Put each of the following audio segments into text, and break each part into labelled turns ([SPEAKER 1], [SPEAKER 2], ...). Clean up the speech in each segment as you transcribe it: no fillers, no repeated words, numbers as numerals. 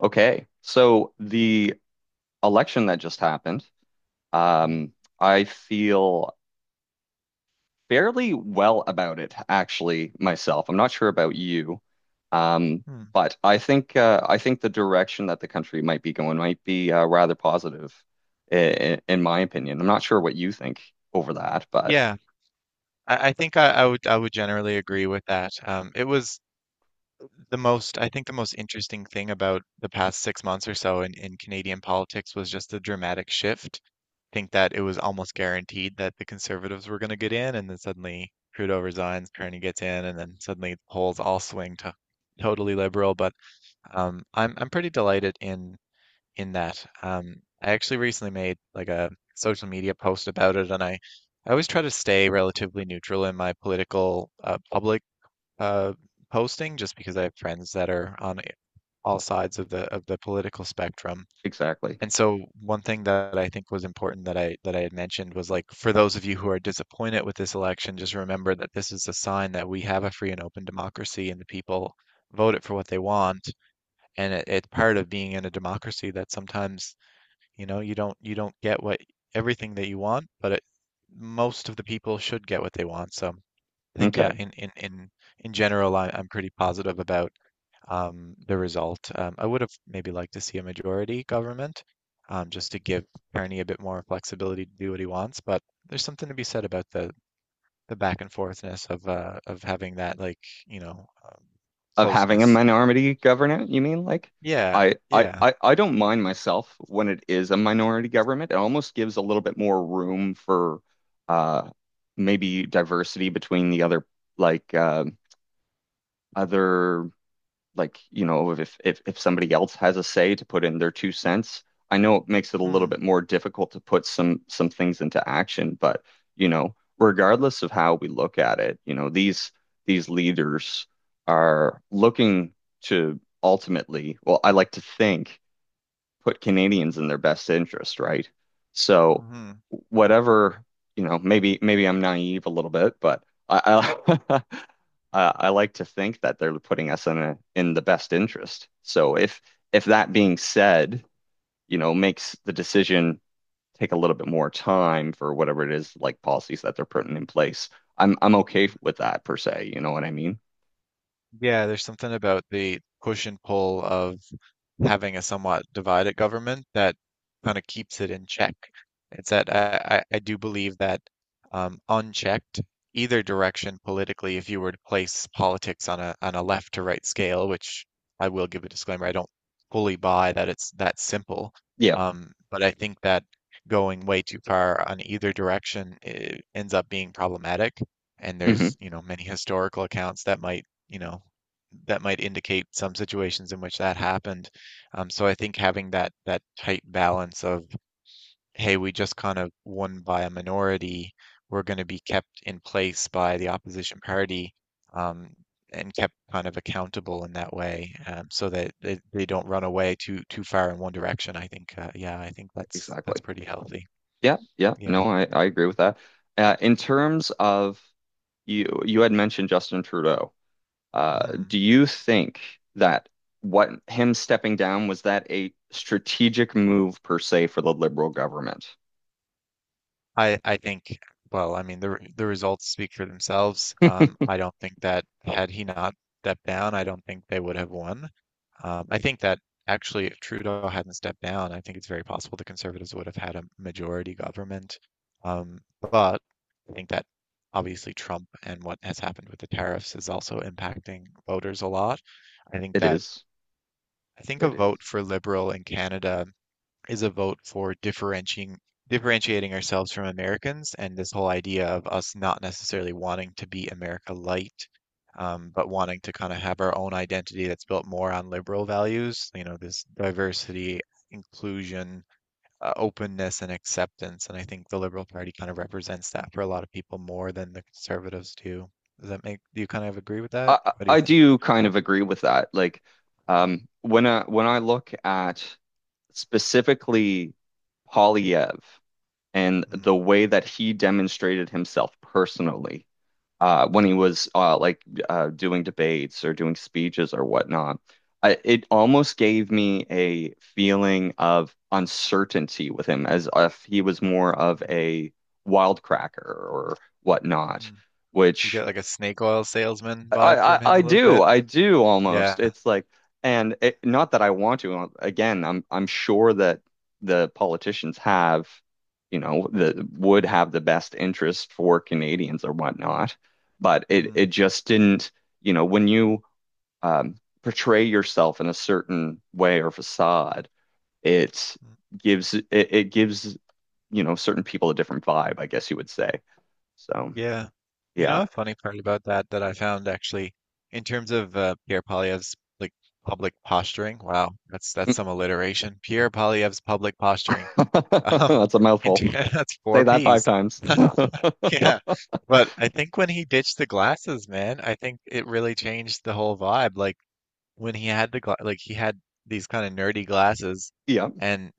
[SPEAKER 1] Okay. So the election that just happened,
[SPEAKER 2] Hmm.
[SPEAKER 1] um, I feel fairly well about it, actually, myself. I'm not sure about you, um,
[SPEAKER 2] Hmm.
[SPEAKER 1] but I think the direction that the country might be going might be rather positive, in my opinion. I'm not sure what you think over that, but
[SPEAKER 2] Yeah, I think I would generally agree with that. It was the most I think the most interesting thing about the past 6 months or so in Canadian politics was just the dramatic shift. I think that it was almost guaranteed that the Conservatives were going to get in, and then suddenly Trudeau resigns, Carney gets in, and then suddenly the polls all swing to totally liberal. But I'm pretty delighted in that. I actually recently made like a social media post about it, and I always try to stay relatively neutral in my political public uh, posting, just because I have friends that are on all sides of the political spectrum.
[SPEAKER 1] exactly.
[SPEAKER 2] And so one thing that I think was important that I had mentioned was like for those of you who are disappointed with this election, just remember that this is a sign that we have a free and open democracy, and the people vote it for what they want, and it's part of being in a democracy that sometimes you don't get what everything that you want, but it, most of the people should get what they want. So I think, yeah,
[SPEAKER 1] Okay.
[SPEAKER 2] in general, I'm pretty positive about the result. I would have maybe liked to see a majority government, just to give Kearney a bit more flexibility to do what he wants. But there's something to be said about the back and forthness of having that like you know um,
[SPEAKER 1] Of having a
[SPEAKER 2] closeness.
[SPEAKER 1] minority government, you mean? Like,
[SPEAKER 2] Yeah,
[SPEAKER 1] I, I,
[SPEAKER 2] yeah.
[SPEAKER 1] I, I don't mind myself when it is a minority government. It almost gives a little bit more room for uh, maybe diversity between the other, like, other, like, you know, if somebody else has a say to put in their two cents. I know it makes it a little
[SPEAKER 2] Mm.
[SPEAKER 1] bit more difficult to put some things into action, but you know, regardless of how we look at it, you know, these leaders are looking to ultimately, well, I like to think put Canadians in their best interest, right?
[SPEAKER 2] Hmm.
[SPEAKER 1] So
[SPEAKER 2] Mm-hmm.
[SPEAKER 1] whatever, you know, maybe I'm naive a little bit, but I I, I like to think that they're putting us in a, in the best interest. So if that being said, you know, makes the decision take a little bit more time for whatever it is, like policies that they're putting in place, I'm okay with that per se. You know what I mean?
[SPEAKER 2] Yeah, there's something about the push and pull of having a somewhat divided government that kind of keeps it in check. It's that I do believe that unchecked, either direction politically, if you were to place politics on a left to right scale, which I will give a disclaimer, I don't fully buy that it's that simple.
[SPEAKER 1] Yeah.
[SPEAKER 2] But I think that going way too far on either direction, ends up being problematic. And
[SPEAKER 1] Hmm.
[SPEAKER 2] there's, many historical accounts that might indicate some situations in which that happened. So I think having that tight balance of, hey, we just kind of won by a minority, we're going to be kept in place by the opposition party, um, and kept kind of accountable in that way, so that they don't run away too far in one direction. I think, yeah, I think that's
[SPEAKER 1] Exactly.
[SPEAKER 2] pretty
[SPEAKER 1] Exactly.
[SPEAKER 2] healthy.
[SPEAKER 1] Yeah. Yeah.
[SPEAKER 2] Yeah.
[SPEAKER 1] No, I agree with that. In terms of, you had mentioned Justin Trudeau.
[SPEAKER 2] Mhm.
[SPEAKER 1] Do you think that what, him stepping down, was that a strategic move per se for the Liberal government?
[SPEAKER 2] I think, well, I mean the results speak for themselves. I don't think that had he not stepped down, I don't think they would have won. I think that actually, if Trudeau hadn't stepped down, I think it's very possible the Conservatives would have had a majority government. But I think that obviously Trump and what has happened with the tariffs is also impacting voters a lot. I think
[SPEAKER 1] It
[SPEAKER 2] that
[SPEAKER 1] is.
[SPEAKER 2] I think a
[SPEAKER 1] It
[SPEAKER 2] vote
[SPEAKER 1] is.
[SPEAKER 2] for Liberal in Canada is a vote for differentiating ourselves from Americans and this whole idea of us not necessarily wanting to be America light, but wanting to kind of have our own identity that's built more on liberal values, this diversity, inclusion, openness, and acceptance. And I think the Liberal Party kind of represents that for a lot of people more than the conservatives do. Do you kind of agree with that?
[SPEAKER 1] I
[SPEAKER 2] What do you
[SPEAKER 1] I
[SPEAKER 2] think?
[SPEAKER 1] do kind of agree with that. Like,
[SPEAKER 2] Mm.
[SPEAKER 1] when I look at specifically Polyev and
[SPEAKER 2] Mm.
[SPEAKER 1] the way that he demonstrated himself personally, when he
[SPEAKER 2] Mm.
[SPEAKER 1] was like, doing debates or doing speeches or whatnot. It almost gave me a feeling of uncertainty with him, as if he was more of
[SPEAKER 2] Mm.
[SPEAKER 1] a wildcracker or whatnot,
[SPEAKER 2] Mm. You
[SPEAKER 1] which
[SPEAKER 2] get like a snake oil salesman
[SPEAKER 1] I,
[SPEAKER 2] vibe from
[SPEAKER 1] I
[SPEAKER 2] him a
[SPEAKER 1] I
[SPEAKER 2] little
[SPEAKER 1] do
[SPEAKER 2] bit.
[SPEAKER 1] I do almost.
[SPEAKER 2] Yeah.
[SPEAKER 1] It's like, and it, not that I want to. Again, I'm sure that the politicians have, you know, the would have the best interest for Canadians or whatnot, but it
[SPEAKER 2] Mm.
[SPEAKER 1] it just didn't. You know, when you um, portray yourself in a certain way or facade, it
[SPEAKER 2] Mm.
[SPEAKER 1] it gives you know certain people a different vibe, I guess you would say. So
[SPEAKER 2] Yeah. You
[SPEAKER 1] yeah.
[SPEAKER 2] know, a funny part about that I found actually, in terms of Pierre Polyev's like public posturing. Wow, that's some alliteration. Pierre Polyev's public posturing. Um,
[SPEAKER 1] That's a mouthful.
[SPEAKER 2] that's
[SPEAKER 1] Say
[SPEAKER 2] four
[SPEAKER 1] that five
[SPEAKER 2] P's.
[SPEAKER 1] times.
[SPEAKER 2] Yeah. But I think when he ditched the glasses, man, I think it really changed the whole vibe. Like when he had these kind of nerdy glasses,
[SPEAKER 1] Yeah,
[SPEAKER 2] and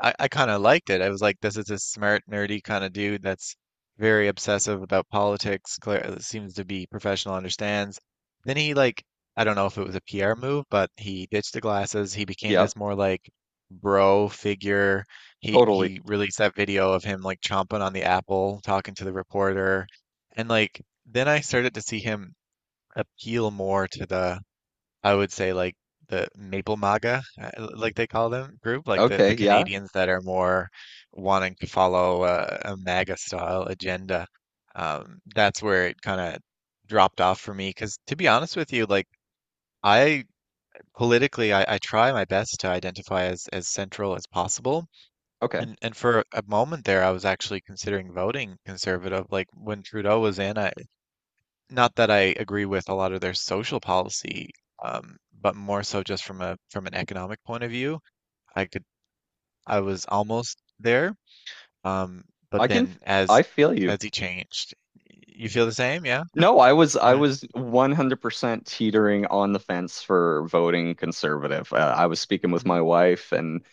[SPEAKER 2] I kind of liked it. I was like, this is a smart, nerdy kind of dude that's very obsessive about politics, clear, seems to be professional, understands. Then he like, I don't know if it was a PR move, but he ditched the glasses. He became
[SPEAKER 1] yeah,
[SPEAKER 2] this more like bro figure. He
[SPEAKER 1] totally.
[SPEAKER 2] he released that video of him like chomping on the apple, talking to the reporter. And like then I started to see him appeal more to the I would say like the Maple MAGA, like they call them, group, like the,
[SPEAKER 1] Okay,
[SPEAKER 2] the
[SPEAKER 1] yeah,
[SPEAKER 2] Canadians that are more wanting to follow a MAGA style agenda. That's where it kind of dropped off for me. Because to be honest with you, like, I politically, I try my best to identify as central as possible.
[SPEAKER 1] okay.
[SPEAKER 2] And for a moment there, I was actually considering voting conservative. Like when Trudeau was in, I, not that I agree with a lot of their social policy, but more so just from an economic point of view. I could I was almost there, um, but
[SPEAKER 1] I can,
[SPEAKER 2] then
[SPEAKER 1] I
[SPEAKER 2] as
[SPEAKER 1] feel you.
[SPEAKER 2] as he changed, you feel the same, yeah?
[SPEAKER 1] No, I was, I
[SPEAKER 2] Right.
[SPEAKER 1] was 100% teetering on the fence for voting conservative. I was speaking with
[SPEAKER 2] Mm.
[SPEAKER 1] my wife, and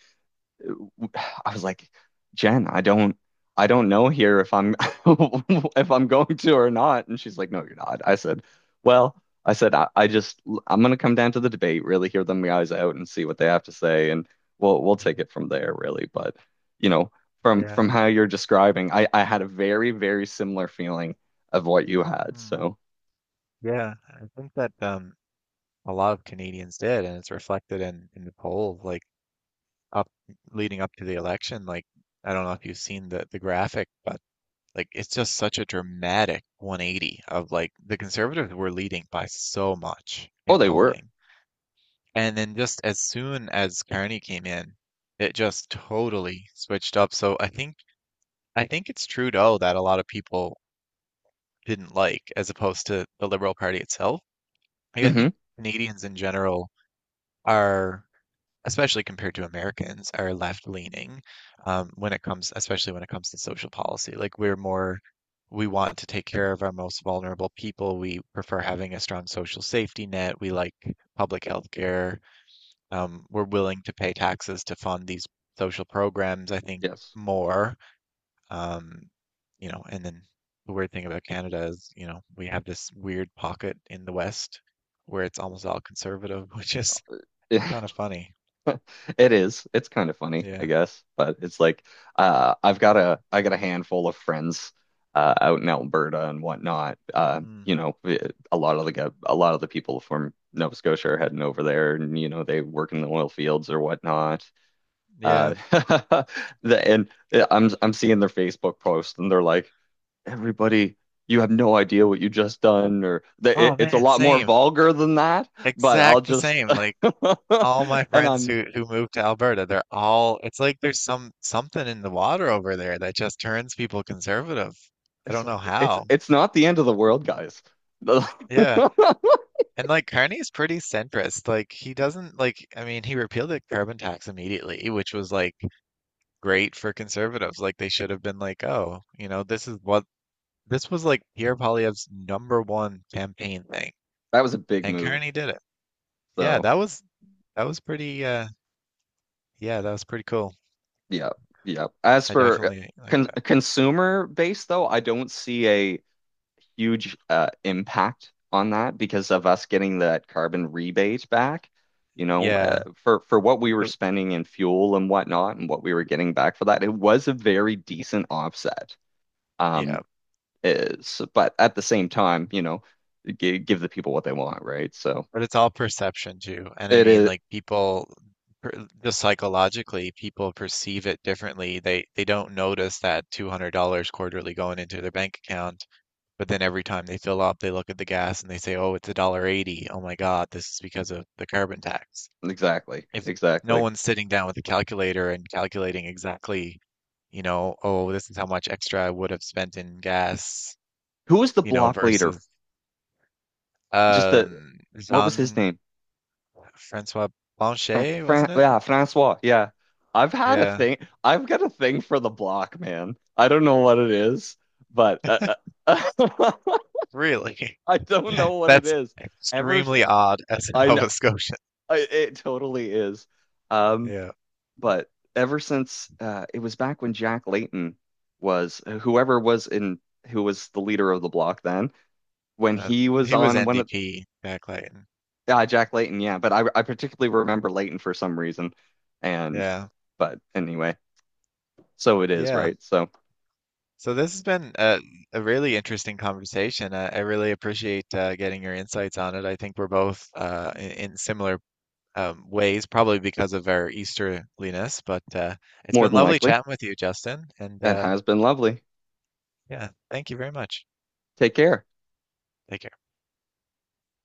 [SPEAKER 1] I was like, Jen, I don't know here if I'm if I'm going to or not. And she's like, no, you're not. I said, well, I said, I just I'm gonna come down to the debate, really hear them guys out and see what they have to say, and we'll take it from there, really. But you know, from
[SPEAKER 2] Yeah.
[SPEAKER 1] from how you're describing, I had a very, very similar feeling of what you had.
[SPEAKER 2] Mm.
[SPEAKER 1] So.
[SPEAKER 2] Yeah. I think that a lot of Canadians did, and it's reflected in the poll, like up leading up to the election. Like I don't know if you've seen the graphic, but, like, it's just such a dramatic 180 of like the conservatives were leading by so much
[SPEAKER 1] Oh,
[SPEAKER 2] in
[SPEAKER 1] they were.
[SPEAKER 2] polling. And then just as soon as Carney came in, it just totally switched up. So I think it's Trudeau that a lot of people didn't like as opposed to the Liberal Party itself. Like I
[SPEAKER 1] Hmm.
[SPEAKER 2] think Canadians in general are especially compared to Americans, are left leaning, when it comes, especially when it comes to social policy. Like we're more, we want to take care of our most vulnerable people. We prefer having a strong social safety net. We like public health care. We're willing to pay taxes to fund these social programs, I think,
[SPEAKER 1] Yes.
[SPEAKER 2] more. Um, and then the weird thing about Canada is, we have this weird pocket in the West where it's almost all conservative, which is kind of funny.
[SPEAKER 1] It is. It's kind of funny, I
[SPEAKER 2] Yeah.
[SPEAKER 1] guess, but it's like, I got a handful of friends out in Alberta and whatnot.
[SPEAKER 2] Hmm.
[SPEAKER 1] You know, a lot of the people from Nova Scotia are heading over there, and you know they work in the oil fields or whatnot.
[SPEAKER 2] Yeah.
[SPEAKER 1] Uh, the, and I'm seeing their Facebook post, and they're like, "Everybody, you have no idea what you just done," or the,
[SPEAKER 2] Oh
[SPEAKER 1] it, it's a
[SPEAKER 2] man,
[SPEAKER 1] lot more
[SPEAKER 2] same.
[SPEAKER 1] vulgar than that. But I'll
[SPEAKER 2] Exact the
[SPEAKER 1] just
[SPEAKER 2] same. Like all my
[SPEAKER 1] and
[SPEAKER 2] friends
[SPEAKER 1] I'm
[SPEAKER 2] who moved to Alberta, they're all, it's like there's something in the water over there that just turns people conservative. I
[SPEAKER 1] It's
[SPEAKER 2] don't know
[SPEAKER 1] like, it's
[SPEAKER 2] how.
[SPEAKER 1] it's not the end of the world, guys.
[SPEAKER 2] Yeah. And like Carney's pretty centrist. Like he doesn't like I mean, he repealed the carbon tax immediately, which was like great for conservatives. Like they should have been like, "Oh, you know, this is what this was like Pierre Poilievre's number one campaign thing."
[SPEAKER 1] That was a big
[SPEAKER 2] And
[SPEAKER 1] move.
[SPEAKER 2] Carney did it. Yeah,
[SPEAKER 1] So
[SPEAKER 2] that was, pretty, yeah, that was pretty cool.
[SPEAKER 1] yeah, yeah. As
[SPEAKER 2] I
[SPEAKER 1] for
[SPEAKER 2] definitely like that.
[SPEAKER 1] consumer base, though, I don't see a huge impact on that because of us getting that carbon rebate back. You know,
[SPEAKER 2] Yeah.
[SPEAKER 1] for what we were
[SPEAKER 2] so-
[SPEAKER 1] spending in fuel and whatnot, and what we were getting back for that, it was a very decent offset.
[SPEAKER 2] Yeah.
[SPEAKER 1] Um, is But at the same time, you know, g give the people what they want, right? So
[SPEAKER 2] But it's all perception too. And I
[SPEAKER 1] it
[SPEAKER 2] mean,
[SPEAKER 1] is.
[SPEAKER 2] like people just psychologically, people perceive it differently. They don't notice that $200 quarterly going into their bank account, but then every time they fill up, they look at the gas and they say, "Oh, it's a dollar 80. Oh my God, this is because of the carbon tax."
[SPEAKER 1] Exactly.
[SPEAKER 2] If no
[SPEAKER 1] Exactly.
[SPEAKER 2] one's sitting down with a calculator and calculating exactly, oh, this is how much extra I would have spent in gas,
[SPEAKER 1] Who was the block leader?
[SPEAKER 2] versus...
[SPEAKER 1] Just the, what was his
[SPEAKER 2] Jean-François
[SPEAKER 1] name? Fra
[SPEAKER 2] Blanchet,
[SPEAKER 1] Fran
[SPEAKER 2] wasn't it?
[SPEAKER 1] Yeah, Francois. Yeah. I've had a
[SPEAKER 2] Yeah,
[SPEAKER 1] thing. I've got a thing for the block, man. I don't know what it is, but uh,
[SPEAKER 2] really.
[SPEAKER 1] I don't know what it
[SPEAKER 2] That's
[SPEAKER 1] is. Ever s-
[SPEAKER 2] extremely odd as a
[SPEAKER 1] I know,
[SPEAKER 2] Nova Scotian.
[SPEAKER 1] it totally is. Um,
[SPEAKER 2] Yeah.
[SPEAKER 1] but ever since it was back when Jack Layton was, whoever was in, who was the leader of the block then, when
[SPEAKER 2] Uh,
[SPEAKER 1] he was
[SPEAKER 2] he was
[SPEAKER 1] on one of.
[SPEAKER 2] NDP, Jack Layton.
[SPEAKER 1] Jack Layton, yeah, but I particularly remember Layton for some reason. And
[SPEAKER 2] Yeah.
[SPEAKER 1] but anyway, so it is,
[SPEAKER 2] Yeah.
[SPEAKER 1] right? So
[SPEAKER 2] So this has been a really interesting conversation. I really appreciate getting your insights on it. I think we're both in similar ways, probably because of our Easterliness, but it's
[SPEAKER 1] more
[SPEAKER 2] been
[SPEAKER 1] than
[SPEAKER 2] lovely
[SPEAKER 1] likely,
[SPEAKER 2] chatting with you, Justin. And
[SPEAKER 1] that has been lovely.
[SPEAKER 2] yeah, thank you very much.
[SPEAKER 1] Take care.
[SPEAKER 2] Take care.